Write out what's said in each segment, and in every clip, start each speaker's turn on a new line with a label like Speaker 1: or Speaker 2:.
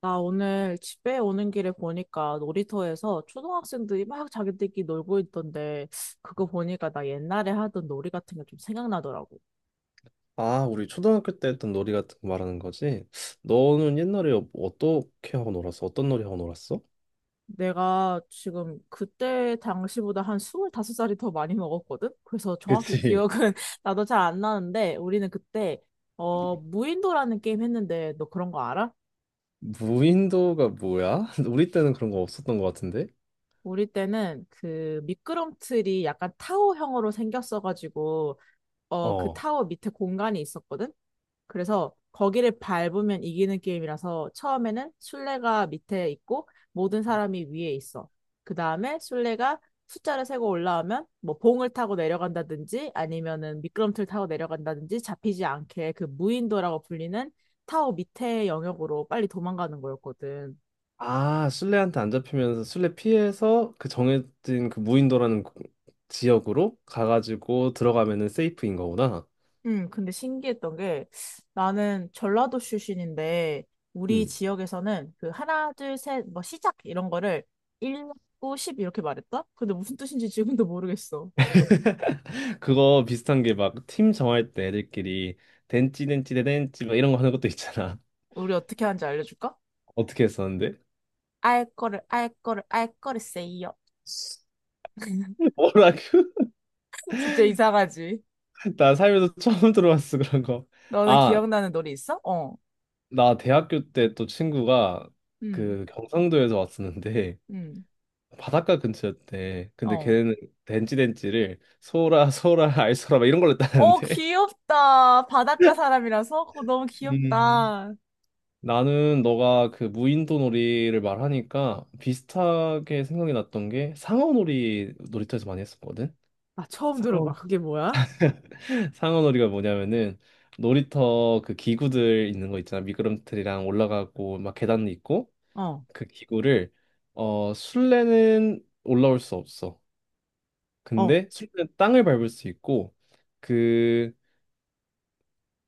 Speaker 1: 나 오늘 집에 오는 길에 보니까 놀이터에서 초등학생들이 막 자기들끼리 놀고 있던데 그거 보니까 나 옛날에 하던 놀이 같은 게 좀 생각나더라고.
Speaker 2: 아, 우리 초등학교 때 했던 놀이 같은 거 말하는 거지? 너는 옛날에 어떻게 하고 놀았어? 어떤 놀이 하고 놀았어?
Speaker 1: 내가 지금 그때 당시보다 한 25살이 더 많이 먹었거든? 그래서 정확히 기억은
Speaker 2: 그치.
Speaker 1: 나도 잘 안 나는데 우리는 그때 무인도라는 게임 했는데 너 그런 거 알아?
Speaker 2: 무인도가 뭐야? 우리 때는 그런 거 없었던 것 같은데?
Speaker 1: 우리 때는 그 미끄럼틀이 약간 타워형으로 생겼어가지고 그
Speaker 2: 어.
Speaker 1: 타워 밑에 공간이 있었거든? 그래서 거기를 밟으면 이기는 게임이라서 처음에는 술래가 밑에 있고 모든 사람이 위에 있어. 그 다음에 술래가 숫자를 세고 올라오면 뭐 봉을 타고 내려간다든지 아니면은 미끄럼틀 타고 내려간다든지 잡히지 않게 그 무인도라고 불리는 타워 밑에 영역으로 빨리 도망가는 거였거든.
Speaker 2: 아, 술래한테 안 잡히면서 술래 피해서 그 정해진 그 무인도라는 지역으로 가가지고 들어가면은 세이프인 거구나.
Speaker 1: 근데 신기했던 게 나는 전라도 출신인데 우리
Speaker 2: 음.
Speaker 1: 지역에서는 그 하나, 둘, 셋, 뭐 시작 이런 거를 1, 9, 10 이렇게 말했다? 근데 무슨 뜻인지 지금도 모르겠어.
Speaker 2: 그거 비슷한 게 막 팀 정할 때 애들끼리 댄찌 댄찌 댄찌 막 이런 거 하는 것도 있잖아.
Speaker 1: 우리 어떻게 하는지 알려줄까?
Speaker 2: 어떻게 했었는데?
Speaker 1: 알 거를, 알 거를, 알 거를 세요.
Speaker 2: 뭐라고?
Speaker 1: 진짜 이상하지?
Speaker 2: 나 살면서 처음 들어봤어 그런 거.
Speaker 1: 너는
Speaker 2: 아,
Speaker 1: 기억나는 노래 있어? 어.
Speaker 2: 나 대학교 때 또 친구가
Speaker 1: 음,
Speaker 2: 그 경상도에서 왔었는데
Speaker 1: 음,
Speaker 2: 바닷가 근처였대. 근데
Speaker 1: 어.
Speaker 2: 걔네는 덴찌덴찌를 소라 소라 알소라 막 이런 걸로
Speaker 1: 어,
Speaker 2: 따는데.
Speaker 1: 귀엽다. 바닷가 사람이라서? 어, 너무
Speaker 2: 음.
Speaker 1: 귀엽다.
Speaker 2: 나는 너가 그 무인도 놀이를 말하니까 비슷하게 생각이 났던 게 상어놀이 놀이터에서 많이 했었거든.
Speaker 1: 아, 처음
Speaker 2: 상어.
Speaker 1: 들어봐. 그게 뭐야?
Speaker 2: 상어놀이가 뭐냐면은 놀이터 그 기구들 있는 거 있잖아. 미끄럼틀이랑 올라가고 막 계단 있고
Speaker 1: 어.
Speaker 2: 그 기구를 어 술래는 올라올 수 없어.
Speaker 1: 어,
Speaker 2: 근데 술래는 땅을 밟을 수 있고 그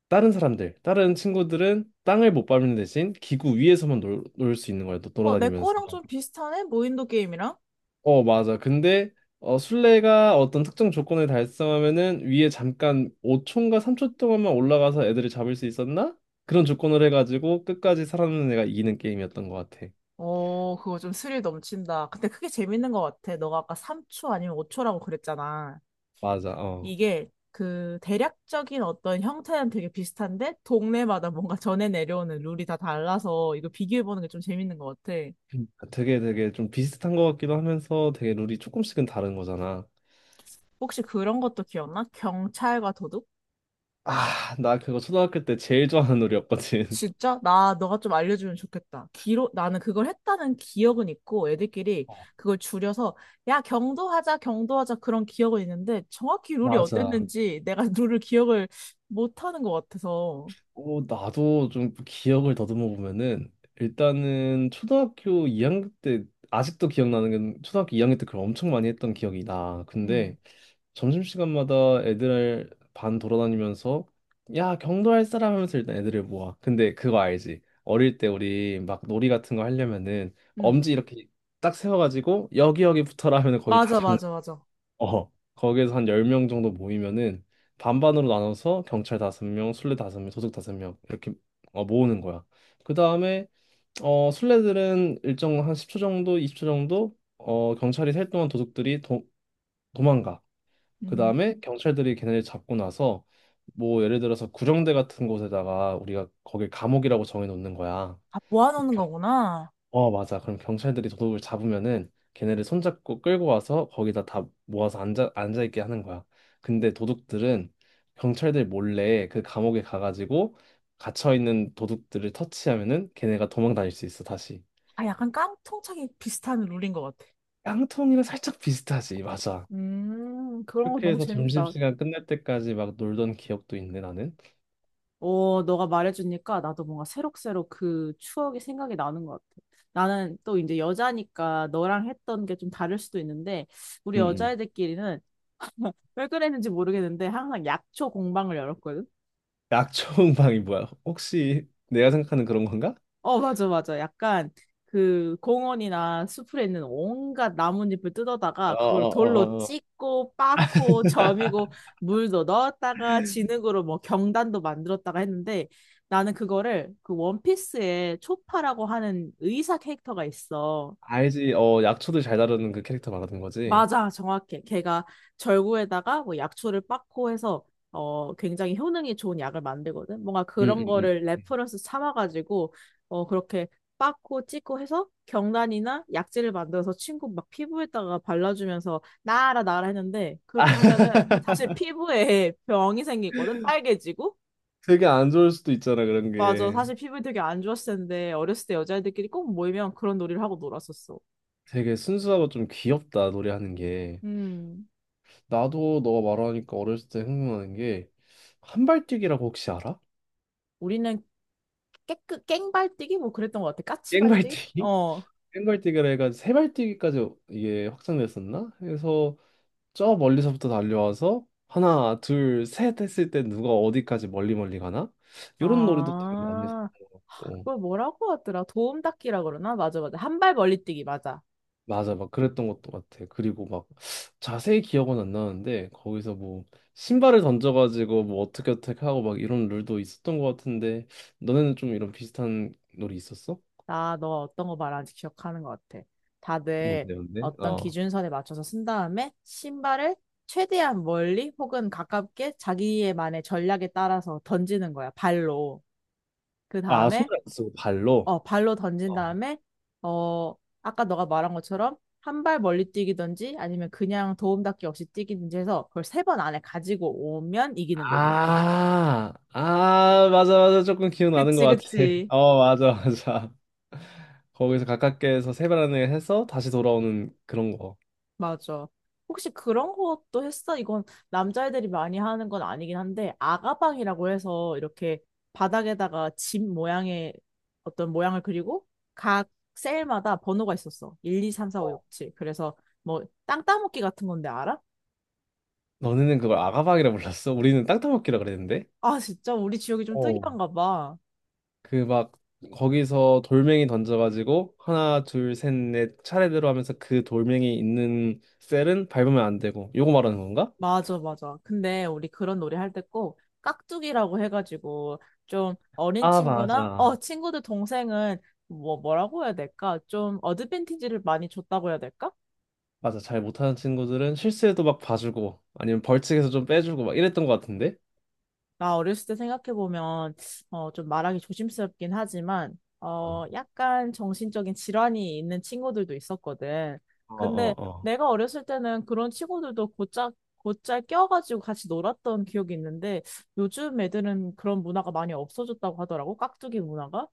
Speaker 2: 다른 사람들, 다른 친구들은 땅을 못 밟는 대신 기구 위에서만 놀 수 있는 거야. 너
Speaker 1: 내
Speaker 2: 돌아다니면서.
Speaker 1: 거랑 좀 비슷하네? 무인도 게임이랑?
Speaker 2: 어 맞아. 근데 어 술래가 어떤 특정 조건을 달성하면은 위에 잠깐 5초인가 3초 동안만 올라가서 애들을 잡을 수 있었나? 그런 조건을 해가지고 끝까지 살아남는 애가 이기는 게임이었던 것 같아.
Speaker 1: 어, 그거 좀 스릴 넘친다. 근데 그게 재밌는 것 같아. 너가 아까 3초 아니면 5초라고 그랬잖아.
Speaker 2: 맞아. 어.
Speaker 1: 이게 그 대략적인 어떤 형태는 되게 비슷한데 동네마다 뭔가 전해 내려오는 룰이 다 달라서 이거 비교해보는 게 좀 재밌는 것 같아.
Speaker 2: 되게 되게 좀 비슷한 것 같기도 하면서 되게 룰이 조금씩은 다른 거잖아.
Speaker 1: 혹시 그런 것도 기억나? 경찰과 도둑?
Speaker 2: 아, 나 그거 초등학교 때 제일 좋아하는 룰이었거든.
Speaker 1: 진짜? 나, 너가 좀 알려주면 좋겠다. 기록, 나는 그걸 했다는 기억은 있고, 애들끼리
Speaker 2: 어,
Speaker 1: 그걸 줄여서, 야, 경도하자, 경도하자, 그런 기억은 있는데, 정확히 룰이
Speaker 2: 맞아.
Speaker 1: 어땠는지 내가 룰을 기억을 못하는 것 같아서.
Speaker 2: 어, 나도 좀 기억을 더듬어 보면은 일단은 초등학교 2학년 때 아직도 기억나는 건 초등학교 2학년 때 그걸 엄청 많이 했던 기억이 나.
Speaker 1: 응,
Speaker 2: 근데 점심시간마다 애들 반 돌아다니면서 야 경도 할 사람 하면서 일단 애들을 모아. 근데 그거 알지? 어릴 때 우리 막 놀이 같은 거 하려면은
Speaker 1: 응.
Speaker 2: 엄지 이렇게 딱 세워가지고 여기 여기 붙어라 하면은 거기 다.
Speaker 1: 맞아, 맞아, 맞아.
Speaker 2: 어, 거기에서 한 10명 정도 모이면은 반반으로 나눠서 경찰 5명, 술래 5명, 도둑 5명 이렇게 어, 모으는 거야. 그 다음에 어, 술래들은 일정 한 10초 정도, 20초 정도 어, 경찰이 셀 동안 도둑들이 도망가. 그
Speaker 1: 음,
Speaker 2: 다음에 경찰들이 걔네를 잡고 나서 뭐 예를 들어서 구령대 같은 곳에다가 우리가 거길 감옥이라고 정해놓는 거야.
Speaker 1: 아,
Speaker 2: 그
Speaker 1: 모아놓는 거구나.
Speaker 2: 어, 맞아. 그럼 경찰들이 도둑을 잡으면은 걔네를 손잡고 끌고 와서 거기다 다 모아서 앉아 있게 하는 거야. 근데 도둑들은 경찰들 몰래 그 감옥에 가가지고 갇혀 있는 도둑들을 터치하면은 걔네가 도망 다닐 수 있어, 다시.
Speaker 1: 아, 약간 깡통차기 비슷한 룰인 것 같아.
Speaker 2: 깡통이랑 살짝 비슷하지, 맞아.
Speaker 1: 그런 거
Speaker 2: 그렇게
Speaker 1: 너무
Speaker 2: 해서
Speaker 1: 재밌다.
Speaker 2: 점심시간 끝날 때까지 막 놀던 기억도 있네, 나는.
Speaker 1: 너가 말해주니까 나도 뭔가 새록새록 그 추억이 생각이 나는 것 같아. 나는 또 이제 여자니까 너랑 했던 게 좀 다를 수도 있는데, 우리
Speaker 2: 응, 응.
Speaker 1: 여자애들끼리는 왜 그랬는지 모르겠는데, 항상 약초 공방을 열었거든?
Speaker 2: 약초음방이 뭐야? 혹시 내가 생각하는 그런 건가?
Speaker 1: 어, 맞아, 맞아. 약간 그 공원이나 숲에 있는 온갖 나뭇잎을 뜯어다가 그걸 돌로
Speaker 2: 어어어어.
Speaker 1: 찢고 빻고 점이고 물도 넣었다가 진흙으로 뭐 경단도 만들었다가 했는데 나는 그거를 그 원피스에 초파라고 하는 의사 캐릭터가 있어.
Speaker 2: 알지. 어 약초들 잘 다루는 그 캐릭터 말하는 거지?
Speaker 1: 맞아, 정확해. 걔가 절구에다가 뭐 약초를 빻고 해서 굉장히 효능이 좋은 약을 만들거든. 뭔가
Speaker 2: 음,
Speaker 1: 그런
Speaker 2: 음,
Speaker 1: 거를
Speaker 2: 음.
Speaker 1: 레퍼런스 삼아가지고 그렇게 빻고 찢고 해서 경단이나 약재를 만들어서 친구 막 피부에다가 발라주면서 나아라 나아라 했는데
Speaker 2: 아,
Speaker 1: 그렇게 하면은 사실 피부에 병이 생기거든. 빨개지고.
Speaker 2: 되게 안 좋을 수도 있잖아, 그런
Speaker 1: 맞아.
Speaker 2: 게.
Speaker 1: 사실 피부에 되게 안 좋았을 텐데 어렸을 때 여자애들끼리 꼭 모이면 그런 놀이를 하고 놀았었어.
Speaker 2: 되게 순수하고 좀 귀엽다, 노래하는 게.
Speaker 1: 음.
Speaker 2: 나도 너가 말하니까 어렸을 때 생각나는 게, 한발뛰기라고 혹시 알아?
Speaker 1: 우리는 깨끗 깽발뛰기 뭐 그랬던 것 같아. 까치발뛰기?
Speaker 2: 깽발뛰기?
Speaker 1: 어.
Speaker 2: 깽발뛰기라 해가 세 발뛰기까지 이게 확장됐었나? 그래서 저 멀리서부터 달려와서 하나, 둘, 셋 했을 때 누가 어디까지 멀리 멀리 가나? 이런 놀이도 되게 많이
Speaker 1: 아,
Speaker 2: 했었고.
Speaker 1: 그걸 뭐라고 하더라? 도움닫기라 그러나? 맞아, 맞아. 한 발 멀리 뛰기, 맞아.
Speaker 2: 맞아, 막 그랬던 것도 같아. 그리고 막 자세히 기억은 안 나는데 거기서 뭐 신발을 던져가지고 뭐 어떻게 어떻게 하고 막 이런 룰도 있었던 것 같은데 너네는 좀 이런 비슷한 놀이 있었어?
Speaker 1: 나 너 어떤 거 말하는지 기억하는 것 같아. 다들
Speaker 2: 뭔데, 뭔데?
Speaker 1: 어떤
Speaker 2: 어.
Speaker 1: 기준선에 맞춰서 쓴 다음에 신발을 최대한 멀리 혹은 가깝게 자기의 만의 전략에 따라서 던지는 거야, 발로. 그
Speaker 2: 아,
Speaker 1: 다음에
Speaker 2: 손을 안 쓰고 발로?
Speaker 1: 발로 던진
Speaker 2: 어.
Speaker 1: 다음에, 어, 아까 너가 말한 것처럼 한 발 멀리 뛰기든지 아니면 그냥 도움닫기 없이 뛰기든지 해서 그걸 세 번 안에 가지고 오면 이기는 거지.
Speaker 2: 아, 아, 맞아, 맞아. 조금 기억나는 것
Speaker 1: 그치,
Speaker 2: 같아.
Speaker 1: 그치.
Speaker 2: 어, 맞아, 맞아. 거기서 가깝게에서 세 번을 해서 다시 돌아오는 그런 거.
Speaker 1: 맞아. 혹시 그런 것도 했어? 이건 남자애들이 많이 하는 건 아니긴 한데, 아가방이라고 해서 이렇게 바닥에다가 집 모양의 어떤 모양을 그리고 각 셀마다 번호가 있었어. 1, 2, 3, 4, 5, 6,
Speaker 2: 어.
Speaker 1: 7. 그래서 뭐, 땅 따먹기 같은 건데 알아?
Speaker 2: 너네는 그걸 아가방이라 불렀어? 우리는 땅따먹기라 그랬는데?
Speaker 1: 아, 진짜 우리 지역이 좀
Speaker 2: 어.
Speaker 1: 특이한가 봐.
Speaker 2: 그 막 거기서 돌멩이 던져가지고 하나 둘 셋 넷 차례대로 하면서 그 돌멩이 있는 셀은 밟으면 안 되고 요거 말하는 건가?
Speaker 1: 맞아, 맞아. 근데 우리 그런 놀이 할 때 꼭 깍두기라고 해가지고 좀 어린
Speaker 2: 아
Speaker 1: 친구나
Speaker 2: 맞아.
Speaker 1: 친구들 동생은 뭐 뭐라고 해야 될까? 좀 어드밴티지를 많이 줬다고 해야 될까?
Speaker 2: 맞아, 잘 못하는 친구들은 실수해도 막 봐주고 아니면 벌칙에서 좀 빼주고 막 이랬던 것 같은데.
Speaker 1: 나 어렸을 때 생각해보면, 좀 말하기 조심스럽긴 하지만, 약간 정신적인 질환이 있는 친구들도 있었거든. 근데
Speaker 2: 어어어.
Speaker 1: 내가 어렸을 때는 그런 친구들도 곧잘, 곧잘 껴가지고 같이 놀았던 기억이 있는데, 요즘 애들은 그런 문화가 많이 없어졌다고 하더라고, 깍두기 문화가.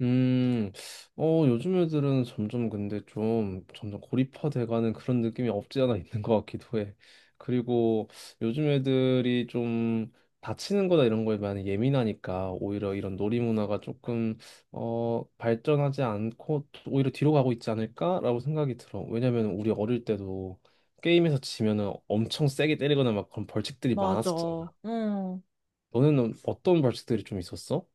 Speaker 2: 음, 어, 요즘 애들은 점점 근데 좀 점점 고립화돼가는 그런 느낌이 없지 않아 있는 것 같기도 해. 그리고 요즘 애들이 좀 다치는 거나 이런 거에 많이 예민하니까 오히려 이런 놀이 문화가 조금 어, 발전하지 않고 오히려 뒤로 가고 있지 않을까라고 생각이 들어. 왜냐면 우리 어릴 때도 게임에서 지면은 엄청 세게 때리거나 막 그런 벌칙들이
Speaker 1: 맞아.
Speaker 2: 많았었잖아.
Speaker 1: 응.
Speaker 2: 너는 어떤 벌칙들이 좀 있었어?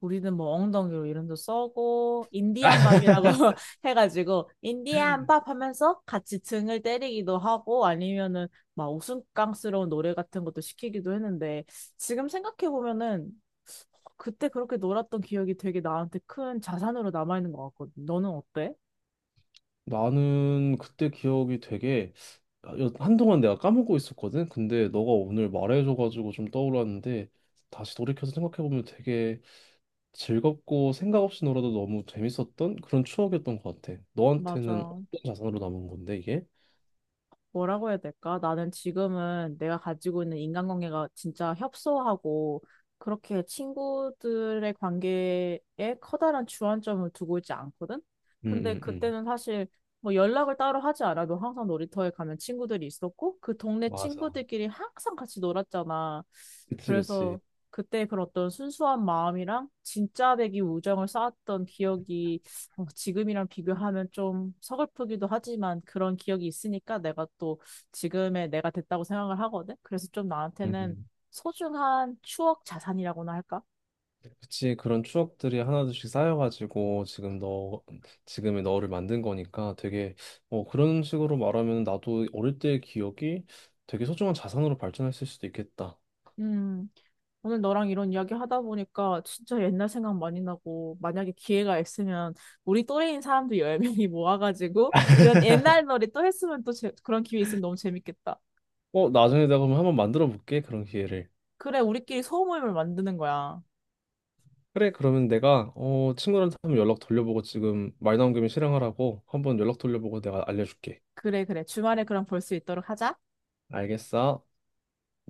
Speaker 1: 우리는 뭐 엉덩이로 이름도 써고 인디안 밥이라고 해가지고 인디안 밥 하면서 같이 등을 때리기도 하고 아니면은 막 우스꽝스러운 노래 같은 것도 시키기도 했는데 지금 생각해 보면은 그때 그렇게 놀았던 기억이 되게 나한테 큰 자산으로 남아있는 것 같거든. 너는 어때?
Speaker 2: 나는 그때 기억이 되게, 아, 한동안 내가 까먹고 있었거든. 근데 너가 오늘 말해줘가지고 좀 떠올랐는데 다시 돌이켜서 생각해보면 되게 즐겁고 생각 없이 놀아도 너무 재밌었던 그런 추억이었던 것 같아. 너한테는 어떤
Speaker 1: 맞아.
Speaker 2: 자산으로 남은 건데 이게?
Speaker 1: 뭐라고 해야 될까? 나는 지금은 내가 가지고 있는 인간관계가 진짜 협소하고 그렇게 친구들의 관계에 커다란 주안점을 두고 있지 않거든? 근데
Speaker 2: 응응응.
Speaker 1: 그때는 사실 뭐 연락을 따로 하지 않아도 항상 놀이터에 가면 친구들이 있었고 그 동네
Speaker 2: 맞아.
Speaker 1: 친구들끼리 항상 같이 놀았잖아.
Speaker 2: 그치 그치.
Speaker 1: 그래서 그때 그런 어떤 순수한 마음이랑 진짜 되기 우정을 쌓았던 기억이 지금이랑 비교하면 좀 서글프기도 하지만 그런 기억이 있으니까 내가 또 지금의 내가 됐다고 생각을 하거든. 그래서 좀 나한테는 소중한 추억 자산이라고나 할까?
Speaker 2: 그치, 그런 추억들이 하나둘씩 쌓여가지고 지금 너, 지금의 너를 만든 거니까 되게, 어, 그런 식으로 말하면 나도 어릴 때의 기억이 되게 소중한 자산으로 발전했을 수도 있겠다.
Speaker 1: 음, 오늘 너랑 이런 이야기 하다 보니까 진짜 옛날 생각 많이 나고 만약에 기회가 있으면 우리 또래인 사람들 10명이 모아가지고 이런 옛날 놀이 또 했으면 그런 기회 있으면 너무 재밌겠다.
Speaker 2: 어, 나중에 내가 그럼 한번 만들어 볼게, 그런 기회를.
Speaker 1: 그래, 우리끼리 소모임을 만드는 거야.
Speaker 2: 그래, 그러면 내가, 어, 친구들한테 한번 연락 돌려보고 지금 말 나온 김에 실행하라고 한번 연락 돌려보고 내가 알려줄게.
Speaker 1: 그래, 그래. 주말에 그럼 볼 수 있도록 하자.
Speaker 2: 알겠어?